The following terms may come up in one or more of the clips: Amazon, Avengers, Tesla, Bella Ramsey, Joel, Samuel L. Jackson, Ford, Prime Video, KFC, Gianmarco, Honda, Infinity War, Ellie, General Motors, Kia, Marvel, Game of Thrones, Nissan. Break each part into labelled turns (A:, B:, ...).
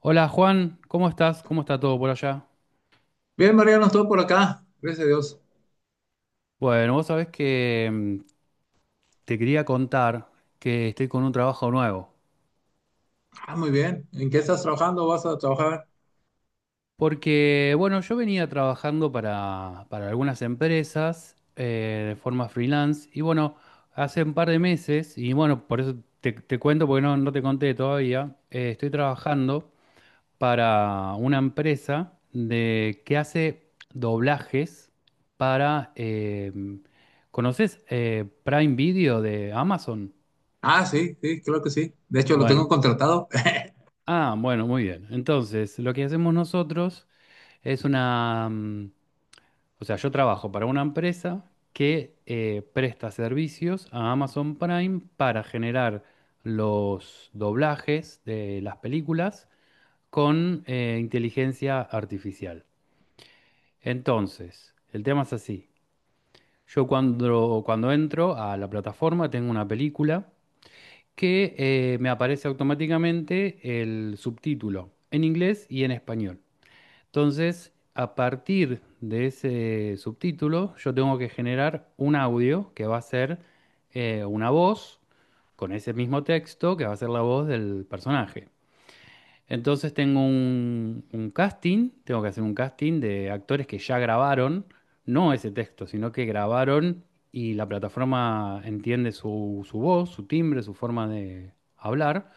A: Hola Juan, ¿cómo estás? ¿Cómo está todo por allá?
B: Bien, Mariano, estoy por acá. Gracias a Dios.
A: Bueno, vos sabés que te quería contar que estoy con un trabajo nuevo.
B: Ah, muy bien. ¿En qué estás trabajando? ¿Vas a trabajar?
A: Porque, bueno, yo venía trabajando para algunas empresas de forma freelance y bueno, hace un par de meses, y bueno, por eso te cuento porque no te conté todavía, estoy trabajando para una empresa de, que hace doblajes para ¿conoces Prime Video de Amazon?
B: Ah, sí, sí, claro que sí. De hecho, lo tengo
A: Bueno,
B: contratado.
A: bueno, muy bien. Entonces, lo que hacemos nosotros es una, o sea, yo trabajo para una empresa que presta servicios a Amazon Prime para generar los doblajes de las películas con inteligencia artificial. Entonces, el tema es así. Yo cuando entro a la plataforma tengo una película que me aparece automáticamente el subtítulo en inglés y en español. Entonces, a partir de ese subtítulo, yo tengo que generar un audio que va a ser una voz con ese mismo texto que va a ser la voz del personaje. Entonces tengo un casting, tengo que hacer un casting de actores que ya grabaron, no ese texto, sino que grabaron, y la plataforma entiende su voz, su timbre, su forma de hablar.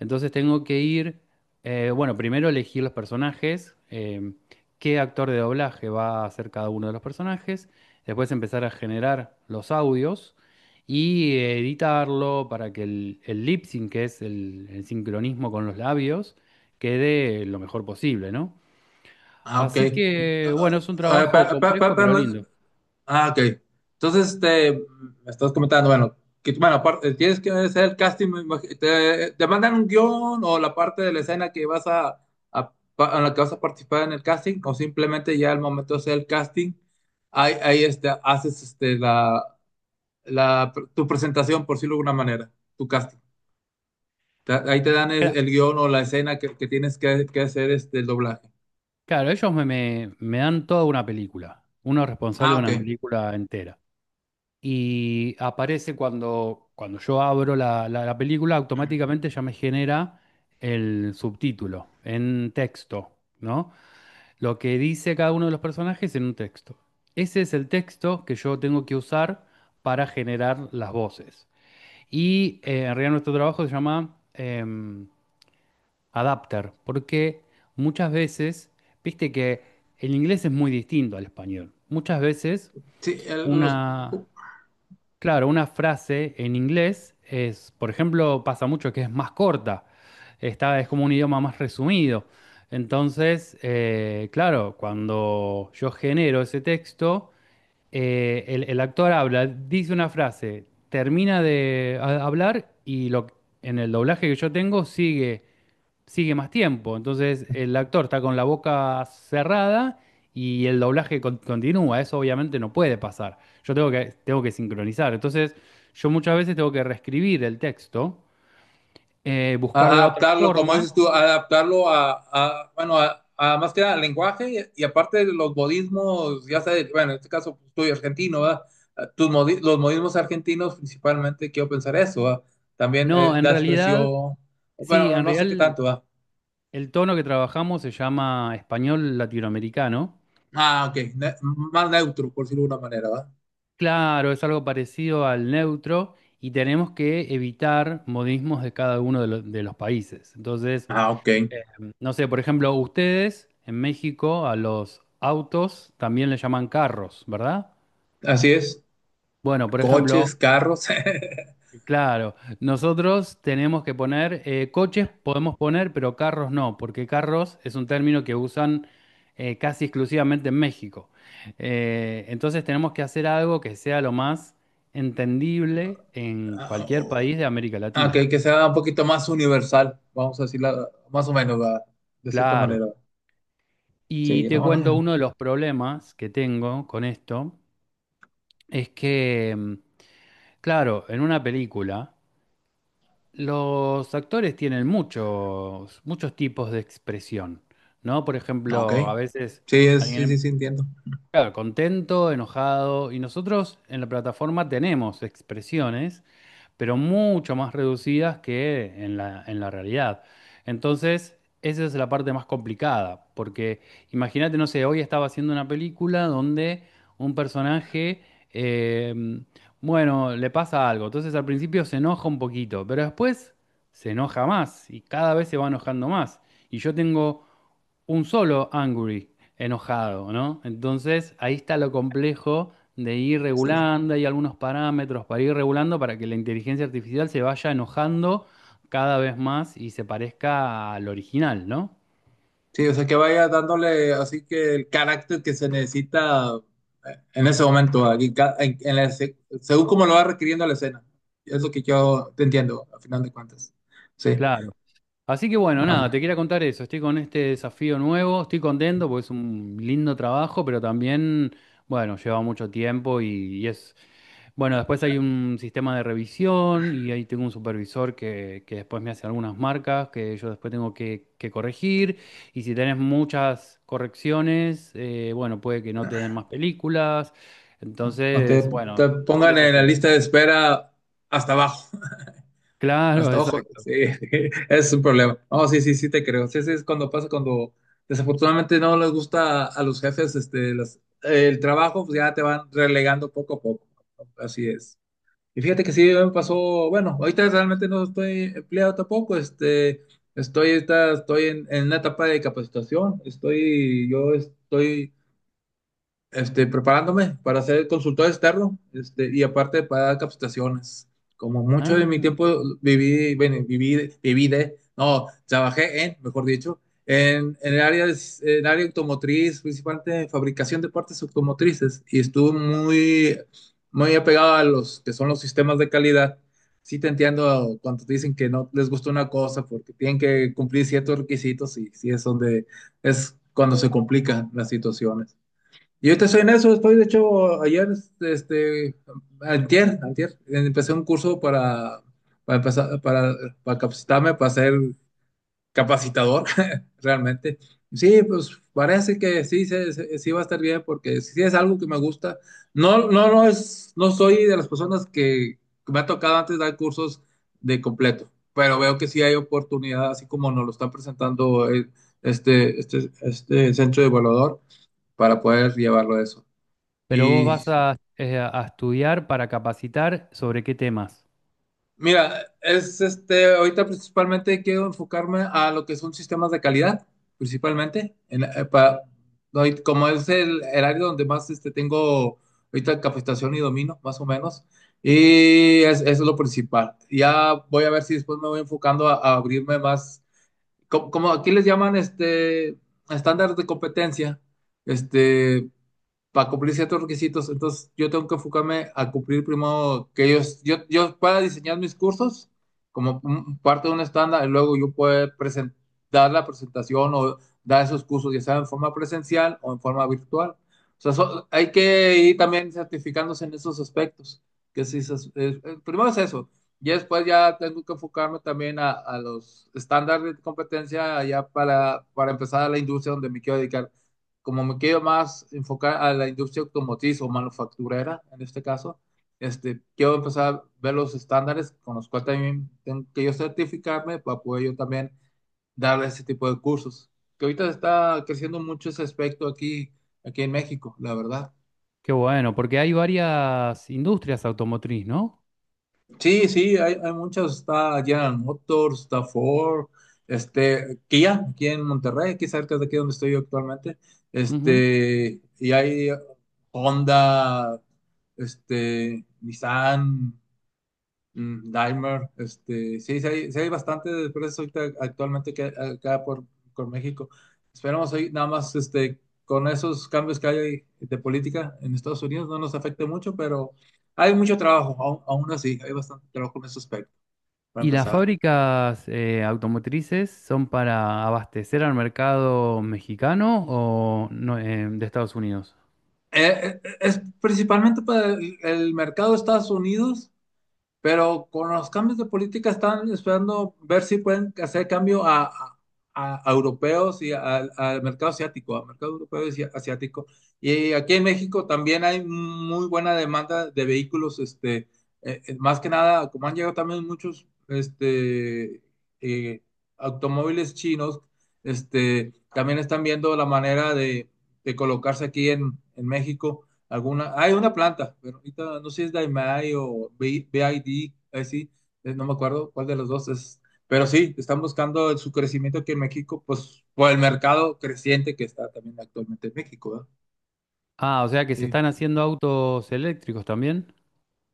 A: Entonces tengo que ir, bueno, primero elegir los personajes, qué actor de doblaje va a hacer cada uno de los personajes, después empezar a generar los audios y editarlo para que el lip sync, que es el sincronismo con los labios, quede lo mejor posible, ¿no?
B: Ah, ok.
A: Así que, bueno, es un
B: Ah, eh,
A: trabajo
B: pa- pa-
A: complejo
B: pa-
A: pero
B: pa-
A: lindo.
B: ah, ok. Entonces, me estás comentando, bueno, que, bueno, aparte, tienes que hacer el casting, te mandan un guión o la parte de la escena que vas a- pa- en la que vas a participar en el casting, o simplemente ya al momento de hacer el casting, haces tu presentación, por decirlo de alguna manera, tu casting. Ahí te dan
A: Cla-
B: el guión o la escena que tienes que hacer el doblaje.
A: Claro, ellos me dan toda una película, uno es responsable
B: Ah,
A: de una
B: ok.
A: película entera. Y aparece cuando yo abro la película, automáticamente ya me genera el subtítulo en texto, ¿no? Lo que dice cada uno de los personajes en un texto. Ese es el texto que yo tengo que usar para generar las voces. Y en realidad nuestro trabajo se llama adapter, porque muchas veces, viste que el inglés es muy distinto al español. Muchas veces
B: Sí, los,
A: una, claro, una frase en inglés es, por ejemplo, pasa mucho que es más corta, está, es como un idioma más resumido. Entonces, claro, cuando yo genero ese texto, el actor habla, dice una frase, termina de hablar y, en el doblaje que yo tengo sigue más tiempo. Entonces el actor está con la boca cerrada y el doblaje continúa. Eso obviamente no puede pasar. Yo tengo que sincronizar. Entonces yo muchas veces tengo que reescribir el texto, buscarle otra
B: adaptarlo, como
A: forma.
B: dices tú, adaptarlo a, bueno, a más que nada al lenguaje y aparte de los modismos, ya sabes, bueno, en este caso pues, tú y argentino, ¿verdad? Ah, los modismos argentinos principalmente, quiero pensar eso, ¿verdad? También
A: No, en
B: la
A: realidad,
B: expresión,
A: sí,
B: bueno,
A: en
B: no sé qué
A: realidad
B: tanto, ¿verdad?
A: el tono que trabajamos se llama español latinoamericano.
B: Ah, ok, más neutro, por decirlo de una manera, ¿verdad?
A: Claro, es algo parecido al neutro, y tenemos que evitar modismos de cada uno de, de los países. Entonces,
B: Ah, ok.
A: no sé, por ejemplo, ustedes en México a los autos también le llaman carros, ¿verdad?
B: Así es.
A: Bueno, por ejemplo,
B: Coches, carros.
A: claro, nosotros tenemos que poner coches, podemos poner, pero carros no, porque carros es un término que usan casi exclusivamente en México. Entonces tenemos que hacer algo que sea lo más entendible en
B: Ah,
A: cualquier
B: o-
A: país de América
B: ah,
A: Latina.
B: que sea un poquito más universal, vamos a decirla más o menos, ¿verdad? De cierta
A: Claro.
B: manera.
A: Y
B: Sí,
A: te
B: no, no,
A: cuento
B: ya.
A: uno de los problemas que tengo con esto, es que claro, en una película, los actores tienen muchos tipos de expresión, ¿no? Por
B: Ah, ok.
A: ejemplo, a veces
B: Sí, es, sí, sí,
A: alguien,
B: sí, entiendo.
A: claro, contento, enojado, y nosotros en la plataforma tenemos expresiones pero mucho más reducidas que en la realidad. Entonces, esa es la parte más complicada, porque imagínate, no sé, hoy estaba haciendo una película donde un personaje, eh, bueno, le pasa algo, entonces al principio se enoja un poquito, pero después se enoja más y cada vez se va enojando más. Y yo tengo un solo angry enojado, ¿no? Entonces ahí está lo complejo de ir
B: Sí,
A: regulando, hay algunos parámetros para ir regulando para que la inteligencia artificial se vaya enojando cada vez más y se parezca al original, ¿no?
B: sí, o sea, que vaya dándole así que el carácter que se necesita en ese momento, aquí, en la según como lo va requiriendo la escena. Es lo que yo te entiendo, a final de cuentas. Sí.
A: Claro. Así que bueno,
B: Ah,
A: nada,
B: no.
A: te quería contar eso. Estoy con este desafío nuevo, estoy contento porque es un lindo trabajo, pero también, bueno, lleva mucho tiempo y es... Bueno, después hay un sistema de revisión y ahí tengo un supervisor que después me hace algunas marcas que yo después tengo que corregir. Y si tenés muchas correcciones, bueno, puede que no te den más películas.
B: No, no
A: Entonces,
B: te,
A: bueno,
B: te
A: todo un
B: pongan en la
A: desafío.
B: lista de espera hasta abajo.
A: Claro,
B: Hasta abajo.
A: exacto.
B: Sí, es un problema. No, sí, sí, sí te creo. Sí, sí, es cuando pasa, cuando desafortunadamente no les gusta a los jefes el trabajo, pues ya te van relegando poco a poco. ¿No? Así es. Y fíjate que sí me pasó, bueno, ahorita realmente no estoy empleado tampoco, ahorita estoy en una etapa de capacitación, yo estoy preparándome para ser consultor externo, y aparte para dar capacitaciones. Como mucho de mi
A: Ah.
B: tiempo viví, bueno, viví, viví de, no, trabajé en, mejor dicho, en el área, en el área automotriz, principalmente en fabricación de partes automotrices, y estuve muy, muy apegado a los que son los sistemas de calidad. Sí te entiendo cuando te dicen que no les gusta una cosa porque tienen que cumplir ciertos requisitos y sí es donde es cuando se complican las situaciones. Yo ahorita estoy en eso, estoy de hecho ayer, este, antier, antier, empecé un curso para empezar, para capacitarme, para ser capacitador, realmente. Sí, pues parece que sí, sí va a estar bien, porque sí sí es algo que me gusta. No soy de las personas que me ha tocado antes dar cursos de completo, pero veo que sí hay oportunidad, así como nos lo están presentando este centro de evaluador, para poder llevarlo a eso.
A: Pero vos vas
B: Y
A: a estudiar para capacitar sobre qué temas.
B: mira, es ahorita principalmente quiero enfocarme a lo que son sistemas de calidad, principalmente, en, como es el área donde más tengo ahorita capacitación y domino, más o menos, y eso es lo principal. Ya voy a ver si después me voy enfocando a abrirme más, como, aquí les llaman estándares de competencia, este, para cumplir ciertos requisitos. Entonces, yo tengo que enfocarme a cumplir primero que ellos, yo para diseñar mis cursos parte de un estándar y luego yo puedo presentar la presentación o dar esos cursos, ya sea en forma presencial o en forma virtual. O sea, hay que ir también certificándose en esos aspectos. Que sí, primero es eso. Y después ya tengo que enfocarme también a los estándares de competencia ya para empezar a la industria donde me quiero dedicar como me quiero más enfocar a la industria automotriz o manufacturera, en este caso, quiero empezar a ver los estándares con los cuales también tengo que yo certificarme para poder yo también dar ese tipo de cursos, que ahorita está creciendo mucho ese aspecto aquí, aquí en México, la verdad.
A: Qué bueno, porque hay varias industrias automotriz, ¿no?
B: Sí, sí, hay muchas, está General Motors, está Ford, Kia, aquí en Monterrey, aquí cerca de aquí donde estoy yo actualmente,
A: Ujú.
B: y hay Honda, Nissan, Dahmer, sí, sí hay bastante de empresas ahorita actualmente que hay acá por México. Esperamos ahí, nada más con esos cambios que hay de política en Estados Unidos no nos afecte mucho, pero hay mucho trabajo, aún, aún así, hay bastante trabajo en ese aspecto, para
A: Y las
B: empezar.
A: fábricas automotrices son para abastecer al mercado mexicano o no, de Estados Unidos.
B: Es principalmente para el mercado de Estados Unidos. Pero con los cambios de política están esperando ver si pueden hacer cambio a, a europeos y al al mercado asiático, al mercado europeo y asiático. Y aquí en México también hay muy buena demanda de vehículos, más que nada, como han llegado también muchos eh, automóviles chinos, también están viendo la manera de colocarse aquí en México alguna, hay una planta, pero ahorita no sé si es Daimai o BID, así, no me acuerdo cuál de los dos es, pero sí, están buscando su crecimiento aquí en México, pues por el mercado creciente que está también actualmente en México, ¿verdad?
A: Ah, o sea que se
B: Sí.
A: están haciendo autos eléctricos también.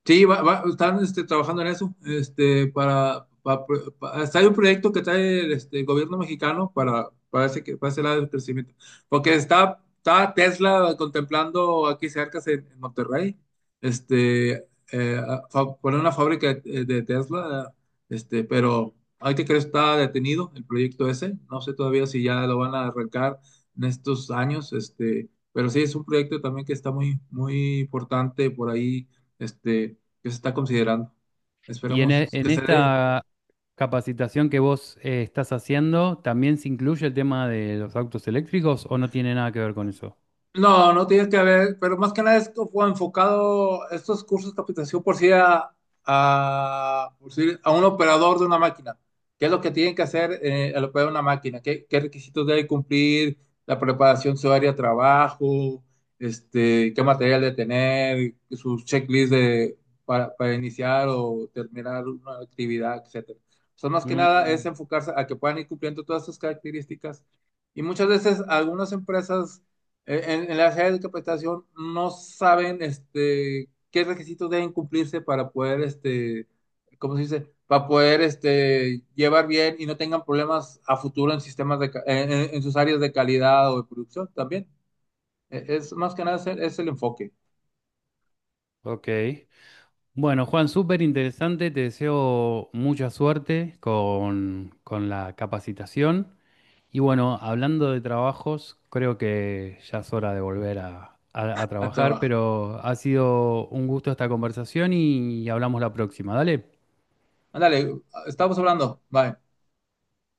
B: Sí, están trabajando en eso. Hasta hay un proyecto que trae el, gobierno mexicano para, ese, para ese lado del crecimiento. Porque está, está Tesla contemplando aquí cerca en Monterrey, este, poner una fábrica de Tesla. Pero hay que creer está detenido el proyecto ese. No sé todavía si ya lo van a arrancar en estos años. Pero sí, es un proyecto también que está muy, muy importante por ahí que se está considerando.
A: Y en, e-
B: Esperemos
A: en
B: que se dé.
A: esta capacitación que vos estás haciendo, ¿también se incluye el tema de los autos eléctricos o no tiene nada que ver con eso?
B: No, no tienes que ver, pero más que nada esto fue enfocado, estos cursos de capacitación por sí a, por sí a un operador de una máquina. ¿Qué es lo que tienen que hacer al operar una máquina? ¿Qué, qué requisitos debe cumplir? La preparación, su área de trabajo, qué material debe tener, sus checklists de, para iniciar o terminar una actividad, etcétera. O sea, más que nada es
A: Mm.
B: enfocarse a que puedan ir cumpliendo todas estas características. Y muchas veces algunas empresas en las áreas de capacitación no saben qué requisitos deben cumplirse para poder, ¿cómo se dice? Para poder llevar bien y no tengan problemas a futuro en sistemas de, en sus áreas de calidad o de producción también. Es más que nada es el, es el enfoque
A: Ok. Bueno, Juan, súper interesante. Te deseo mucha suerte con la capacitación. Y bueno, hablando de trabajos, creo que ya es hora de volver a, a
B: a
A: trabajar,
B: trabajo.
A: pero ha sido un gusto esta conversación y hablamos la próxima. Dale.
B: Ándale, estamos hablando. Bye.